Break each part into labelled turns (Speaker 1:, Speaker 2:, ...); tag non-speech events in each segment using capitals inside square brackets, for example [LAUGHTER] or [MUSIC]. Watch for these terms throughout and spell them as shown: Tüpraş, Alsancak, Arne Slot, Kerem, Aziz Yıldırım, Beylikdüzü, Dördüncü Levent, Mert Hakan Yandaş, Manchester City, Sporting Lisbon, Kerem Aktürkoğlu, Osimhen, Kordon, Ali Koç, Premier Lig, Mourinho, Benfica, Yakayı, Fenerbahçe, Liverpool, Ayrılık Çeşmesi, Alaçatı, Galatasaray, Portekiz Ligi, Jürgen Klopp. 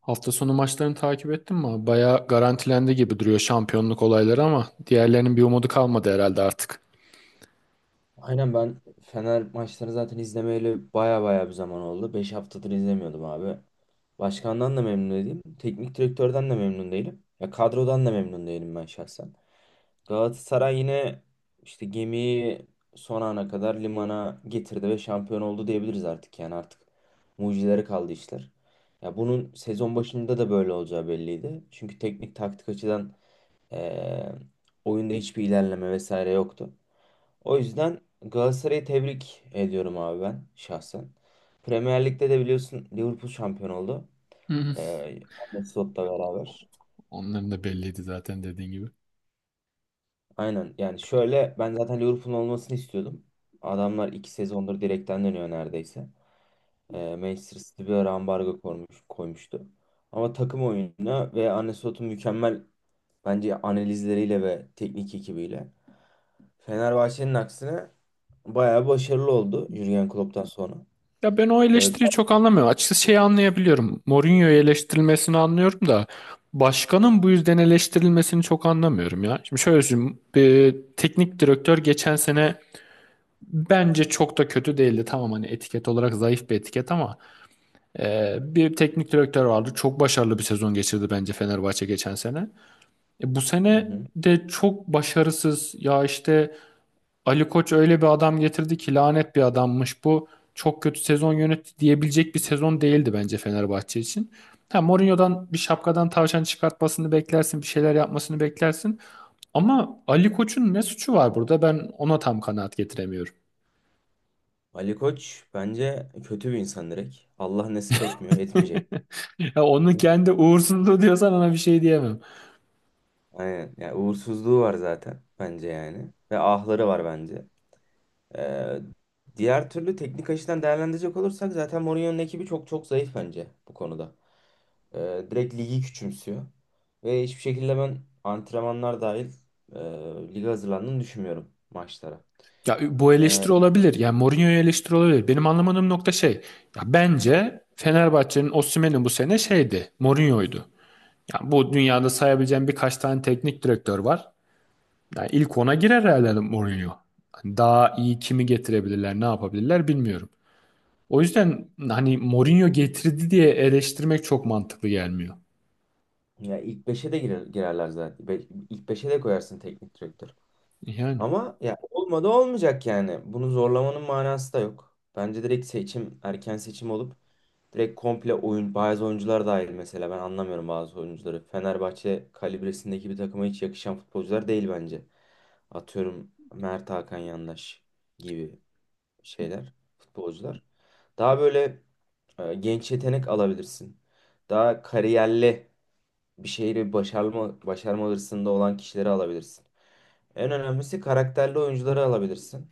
Speaker 1: Hafta sonu maçlarını takip ettin mi, abi? Bayağı garantilendi gibi duruyor şampiyonluk olayları, ama diğerlerinin bir umudu kalmadı herhalde artık.
Speaker 2: Aynen ben Fener maçlarını zaten izlemeyeli baya baya bir zaman oldu. 5 haftadır izlemiyordum abi. Başkandan da memnun değilim. Teknik direktörden de memnun değilim. Ya kadrodan da memnun değilim ben şahsen. Galatasaray yine işte gemiyi son ana kadar limana getirdi ve şampiyon oldu diyebiliriz artık. Yani artık mucizelere kaldı işler. Ya bunun sezon başında da böyle olacağı belliydi. Çünkü teknik taktik açıdan eee, oyunda hiçbir ilerleme vesaire yoktu. O yüzden Galatasaray'ı tebrik ediyorum abi ben şahsen. Premier Lig'de de biliyorsun Liverpool şampiyon oldu.
Speaker 1: Hı hı.
Speaker 2: Arne Slot'la beraber.
Speaker 1: Onların da belliydi zaten, dediğin gibi.
Speaker 2: Aynen, yani şöyle ben zaten Liverpool'un olmasını istiyordum. Adamlar iki sezondur direkten dönüyor neredeyse. Manchester City bir ara ambargo koymuştu. Ama takım oyununa ve Arne Slot'un mükemmel bence analizleriyle ve teknik ekibiyle Fenerbahçe'nin aksine bayağı başarılı oldu Jürgen Klopp'tan sonra.
Speaker 1: Ya ben o
Speaker 2: Ee,
Speaker 1: eleştiriyi çok anlamıyorum. Açıkçası şeyi anlayabiliyorum. Mourinho'yu eleştirilmesini anlıyorum da başkanın bu yüzden eleştirilmesini çok anlamıyorum ya. Şimdi şöyle söyleyeyim. Bir teknik direktör geçen sene bence çok da kötü değildi. Tamam, hani etiket olarak zayıf bir etiket ama bir teknik direktör vardı. Çok başarılı bir sezon geçirdi bence Fenerbahçe geçen sene. Bu
Speaker 2: hı
Speaker 1: sene
Speaker 2: hı.
Speaker 1: de çok başarısız. Ya işte Ali Koç öyle bir adam getirdi ki lanet bir adammış bu. Çok kötü sezon yönetti diyebilecek bir sezon değildi bence Fenerbahçe için. Ha, Mourinho'dan bir şapkadan tavşan çıkartmasını beklersin, bir şeyler yapmasını beklersin. Ama Ali Koç'un ne suçu var burada? Ben ona tam kanaat getiremiyorum.
Speaker 2: Ali Koç bence kötü bir insan direkt. Allah nasip etmiyor, etmeyecek.
Speaker 1: [LAUGHS] Ya onun kendi uğursuzluğu diyorsan ona bir şey diyemem.
Speaker 2: Aynen. Yani uğursuzluğu var zaten bence yani. Ve ahları var bence. Ee, diğer türlü teknik açıdan değerlendirecek olursak zaten Mourinho'nun ekibi çok çok zayıf bence bu konuda. Direkt ligi küçümsüyor. Ve hiçbir şekilde ben antrenmanlar dahil e, lige hazırlandığını düşünmüyorum maçlara.
Speaker 1: Ya bu
Speaker 2: Ee,
Speaker 1: eleştiri olabilir. Yani Mourinho'ya eleştiri olabilir. Benim anlamadığım nokta şey. Ya bence Fenerbahçe'nin Osimhen'in bu sene şeydi. Mourinho'ydu. Ya bu dünyada sayabileceğim birkaç tane teknik direktör var. Yani ilk ona girer herhalde Mourinho. Hani daha iyi kimi getirebilirler, ne yapabilirler bilmiyorum. O yüzden hani Mourinho getirdi diye eleştirmek çok mantıklı gelmiyor.
Speaker 2: ya ilk beşe de girerler zaten. İlk beşe de koyarsın teknik direktör.
Speaker 1: Yani
Speaker 2: Ama ya olmadı olmayacak yani. Bunu zorlamanın manası da yok. Bence direkt erken seçim olup direkt komple oyun, bazı oyuncular dahil mesela ben anlamıyorum bazı oyuncuları. Fenerbahçe kalibresindeki bir takıma hiç yakışan futbolcular değil bence. Atıyorum Mert Hakan Yandaş gibi şeyler, futbolcular. Daha böyle genç yetenek alabilirsin. Daha kariyerli bir şeyleri başarma hırsında olan kişileri alabilirsin. En önemlisi karakterli oyuncuları alabilirsin.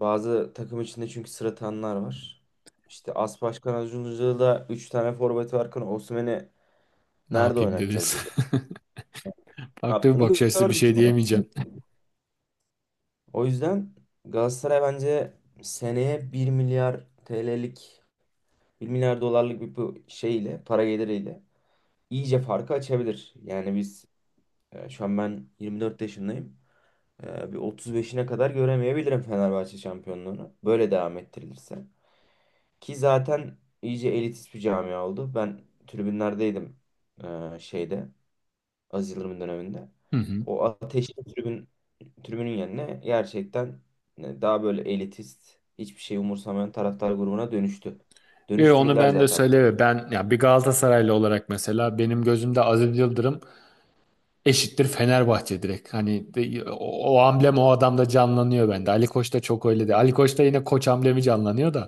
Speaker 2: Bazı takım içinde çünkü sırıtanlar var. İşte As Başkan Acuncu'da 3 tane forvet varken Osimhen'i
Speaker 1: ne
Speaker 2: nerede
Speaker 1: yapayım
Speaker 2: oynatacağız
Speaker 1: dediniz?
Speaker 2: dedi.
Speaker 1: [LAUGHS]
Speaker 2: Ne
Speaker 1: Farklı bir
Speaker 2: yaptığını
Speaker 1: bakış açısı, bir
Speaker 2: gördük
Speaker 1: şey
Speaker 2: yani.
Speaker 1: diyemeyeceğim.
Speaker 2: O yüzden Galatasaray bence seneye bir milyar TL'lik bir milyar dolarlık bir bu şeyle para geliriyle iyice farkı açabilir. Yani şu an ben 24 yaşındayım. Bir 35'ine kadar göremeyebilirim Fenerbahçe şampiyonluğunu. Böyle devam ettirilirse. Ki zaten iyice elitist bir camia oldu. Ben tribünlerdeydim şeyde Aziz Yıldırım'ın döneminde.
Speaker 1: [LAUGHS] Hı hı.
Speaker 2: O ateşli tribünün yerine gerçekten daha böyle elitist, hiçbir şey umursamayan taraftar grubuna dönüştü.
Speaker 1: Yo, onu
Speaker 2: Dönüştürdüler
Speaker 1: ben de
Speaker 2: zaten.
Speaker 1: söyleyeyim. Ben ya bir Galatasaraylı olarak mesela benim gözümde Aziz Yıldırım eşittir Fenerbahçe, direkt. Hani o, o amblem o adamda canlanıyor bende. Ali Koç da çok öyle değil. Ali Koç'ta yine Koç amblemi canlanıyor da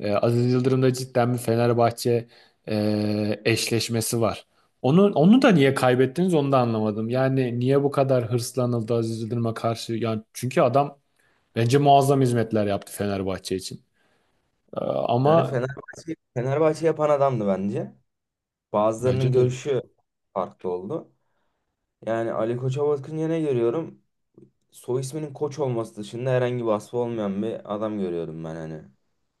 Speaker 1: Aziz Yıldırım'da cidden bir Fenerbahçe eşleşmesi var. Onu da niye kaybettiniz, onu da anlamadım. Yani niye bu kadar hırslanıldı Aziz Yıldırım'a karşı? Yani çünkü adam bence muazzam hizmetler yaptı Fenerbahçe için. Ee,
Speaker 2: Yani
Speaker 1: ama
Speaker 2: Fenerbahçe yapan adamdı bence. Bazılarının
Speaker 1: bence de öyle.
Speaker 2: görüşü farklı oldu. Yani Ali Koç'a bakınca ne görüyorum? Soy isminin Koç olması dışında herhangi bir vasfı olmayan bir adam görüyordum ben hani.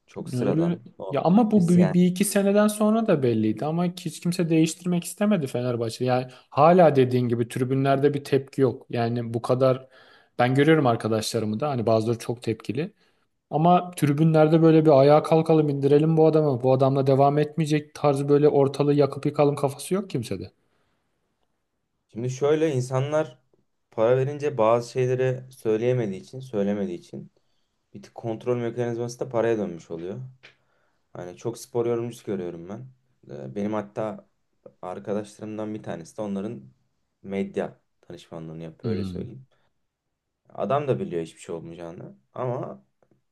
Speaker 2: Çok
Speaker 1: Öyle.
Speaker 2: sıradan,
Speaker 1: Ya
Speaker 2: normal,
Speaker 1: ama bu
Speaker 2: biz
Speaker 1: bir,
Speaker 2: yani.
Speaker 1: bir iki seneden sonra da belliydi, ama hiç kimse değiştirmek istemedi Fenerbahçe. Yani hala dediğin gibi tribünlerde bir tepki yok. Yani bu kadar, ben görüyorum arkadaşlarımı da, hani bazıları çok tepkili. Ama tribünlerde böyle bir ayağa kalkalım, indirelim bu adamı, bu adamla devam etmeyecek tarzı, böyle ortalığı yakıp yıkalım kafası yok kimsede.
Speaker 2: Şimdi şöyle insanlar para verince bazı şeyleri söyleyemediği için, söylemediği için bir tık kontrol mekanizması da paraya dönmüş oluyor. Hani çok spor yorumcusu görüyorum ben. Benim hatta arkadaşlarımdan bir tanesi de onların medya danışmanlığını yapıyor öyle
Speaker 1: Hmm.
Speaker 2: söyleyeyim. Adam da biliyor hiçbir şey olmayacağını ama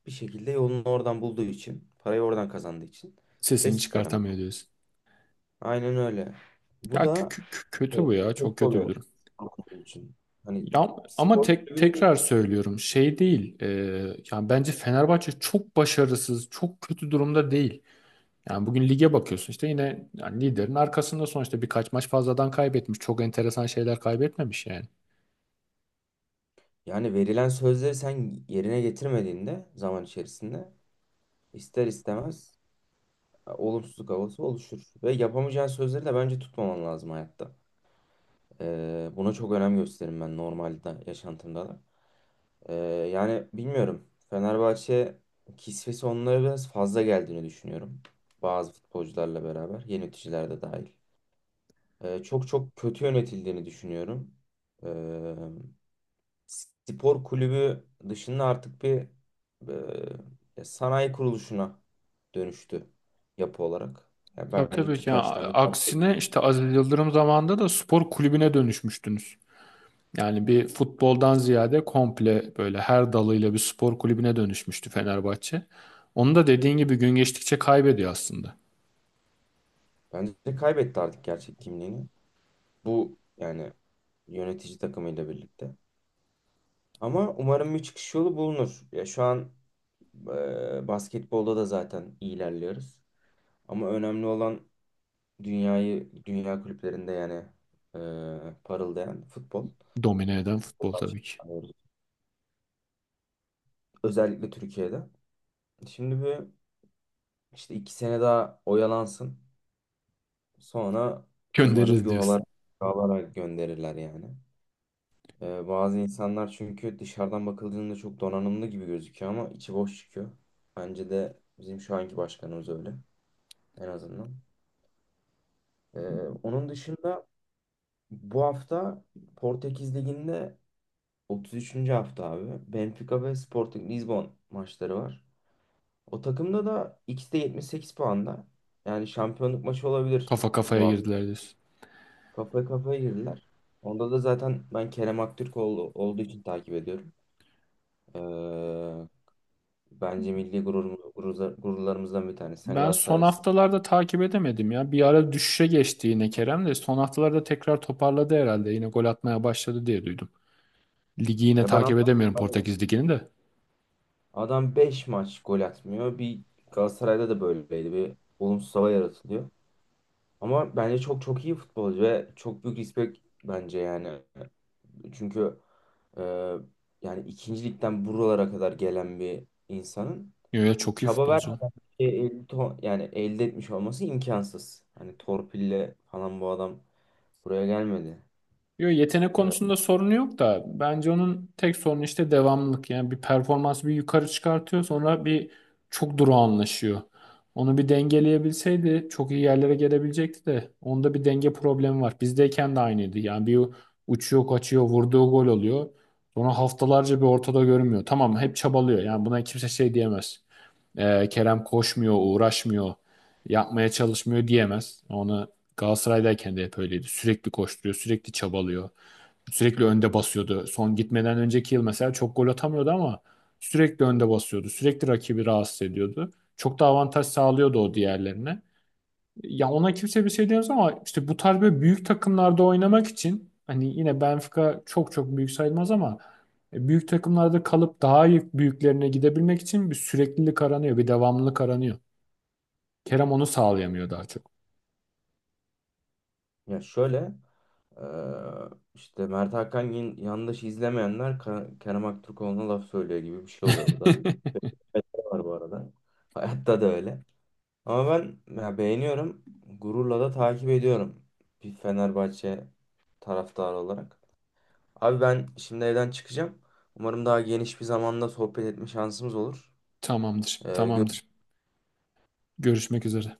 Speaker 2: bir şekilde yolunu oradan bulduğu için, parayı oradan kazandığı için
Speaker 1: Sesini
Speaker 2: ses çıkaramıyor.
Speaker 1: çıkartamıyor diyorsun.
Speaker 2: Aynen öyle.
Speaker 1: Ya
Speaker 2: Bu da e,
Speaker 1: kötü bu ya.
Speaker 2: kötü
Speaker 1: Çok kötü bir
Speaker 2: oluyor
Speaker 1: durum.
Speaker 2: kulüp için. Hani
Speaker 1: Ya ama
Speaker 2: spor
Speaker 1: tek,
Speaker 2: kulübüne geç.
Speaker 1: tekrar söylüyorum, şey değil. Yani bence Fenerbahçe çok başarısız, çok kötü durumda değil. Yani bugün lige bakıyorsun, işte yine yani liderin arkasında sonuçta birkaç maç fazladan kaybetmiş. Çok enteresan şeyler kaybetmemiş yani.
Speaker 2: Yani verilen sözleri sen yerine getirmediğinde zaman içerisinde ister istemez olumsuzluk havası oluşur. Ve yapamayacağın sözleri de bence tutmaman lazım hayatta. Buna çok önem gösteririm ben normalde yaşantımda da. Ee, yani bilmiyorum. Fenerbahçe kisvesi onlara biraz fazla geldiğini düşünüyorum. Bazı futbolcularla beraber, yeni yöneticiler de dahil. Çok çok kötü yönetildiğini düşünüyorum. Ee, spor kulübü dışında artık sanayi kuruluşuna dönüştü yapı olarak. Yani
Speaker 1: Tabii,
Speaker 2: bence
Speaker 1: tabii ya,
Speaker 2: Tüpraş'tan bir fark yok.
Speaker 1: aksine işte Aziz Yıldırım zamanında da spor kulübüne dönüşmüştünüz. Yani bir futboldan ziyade komple böyle her dalıyla bir spor kulübüne dönüşmüştü Fenerbahçe. Onu da dediğin
Speaker 2: Hı
Speaker 1: gibi
Speaker 2: hı.
Speaker 1: gün geçtikçe kaybediyor aslında.
Speaker 2: Bence de kaybetti artık gerçek kimliğini. Bu yani yönetici takımıyla birlikte. Ama umarım bir çıkış yolu bulunur. Ya şu an basketbolda da zaten iyi ilerliyoruz. Ama önemli olan dünya kulüplerinde parıldayan futbol.
Speaker 1: Domine eden futbol tabii ki.
Speaker 2: Özellikle Türkiye'de. Şimdi bir işte iki sene daha oyalansın. Sonra umarım
Speaker 1: Göndeririz diyorsun.
Speaker 2: yuvalara gönderirler yani. E, bazı insanlar çünkü dışarıdan bakıldığında çok donanımlı gibi gözüküyor ama içi boş çıkıyor. Bence de bizim şu anki başkanımız öyle. En azından. Ee, onun dışında bu hafta Portekiz Ligi'nde 33. hafta abi. Benfica ve Sporting Lisbon maçları var. O takımda da ikisi de 78 puanda. Yani şampiyonluk maçı olabilir
Speaker 1: Kafa
Speaker 2: bu
Speaker 1: kafaya
Speaker 2: hafta.
Speaker 1: girdiler diyorsun.
Speaker 2: Kafaya kafaya girdiler. Onda da zaten ben Kerem Aktürkoğlu olduğu için takip ediyorum. Ee, bence milli gururlarımızdan bir tanesi. Sen
Speaker 1: Ben son
Speaker 2: Galatasaraylısın.
Speaker 1: haftalarda takip edemedim ya. Bir ara düşüşe geçti yine, Kerem de son haftalarda tekrar toparladı herhalde. Yine gol atmaya başladı diye duydum. Ligi yine
Speaker 2: Ya ben
Speaker 1: takip edemiyorum,
Speaker 2: anlamadım.
Speaker 1: Portekiz Ligi'ni de.
Speaker 2: Adam 5 maç gol atmıyor. Bir Galatasaray'da da böyleydi. Bir olumsuz hava yaratılıyor. Ama bence çok çok iyi futbolcu ve çok büyük respect bence yani. Çünkü e, yani ikinci ligden buralara kadar gelen bir insanın
Speaker 1: Yo ya, çok iyi
Speaker 2: çaba
Speaker 1: futbolcu.
Speaker 2: vermediği yani elde etmiş olması imkansız. Hani torpille falan bu adam buraya gelmedi.
Speaker 1: Yo, yetenek
Speaker 2: E,
Speaker 1: konusunda sorunu yok da, bence onun tek sorunu işte devamlılık. Yani bir performansı bir yukarı çıkartıyor, sonra bir çok durağanlaşıyor. Onu bir dengeleyebilseydi çok iyi yerlere gelebilecekti de onda bir denge problemi var. Bizdeyken de aynıydı. Yani bir uçuyor kaçıyor, vurduğu gol oluyor. Sonra haftalarca bir ortada görünmüyor. Tamam, hep çabalıyor, yani buna kimse şey diyemez. Kerem koşmuyor, uğraşmıyor, yapmaya çalışmıyor diyemez. Onu Galatasaray'dayken de hep öyleydi. Sürekli koşturuyor, sürekli çabalıyor. Sürekli önde basıyordu. Son gitmeden önceki yıl mesela çok gol atamıyordu ama sürekli önde basıyordu. Sürekli rakibi rahatsız ediyordu. Çok da avantaj sağlıyordu o, diğerlerine. Ya ona kimse bir şey diyemez ama işte bu tarz böyle büyük takımlarda oynamak için, hani yine Benfica çok çok büyük sayılmaz ama büyük takımlarda kalıp daha iyi büyüklerine gidebilmek için bir süreklilik aranıyor, bir devamlılık aranıyor. Kerem onu sağlayamıyor daha çok.
Speaker 2: Ya şöyle, e, işte yandaşı izlemeyenler Kerem Aktürkoğlu'na laf söylüyor gibi bir şey oluyor bu da.
Speaker 1: [LAUGHS]
Speaker 2: Evet, var bu arada. Hayatta da öyle. Ama ben ya, beğeniyorum. Gururla da takip ediyorum. Bir Fenerbahçe taraftarı olarak. Abi ben şimdi evden çıkacağım. Umarım daha geniş bir zamanda sohbet etme şansımız olur.
Speaker 1: Tamamdır,
Speaker 2: E,
Speaker 1: tamamdır.
Speaker 2: görüşürüz.
Speaker 1: Görüşmek üzere.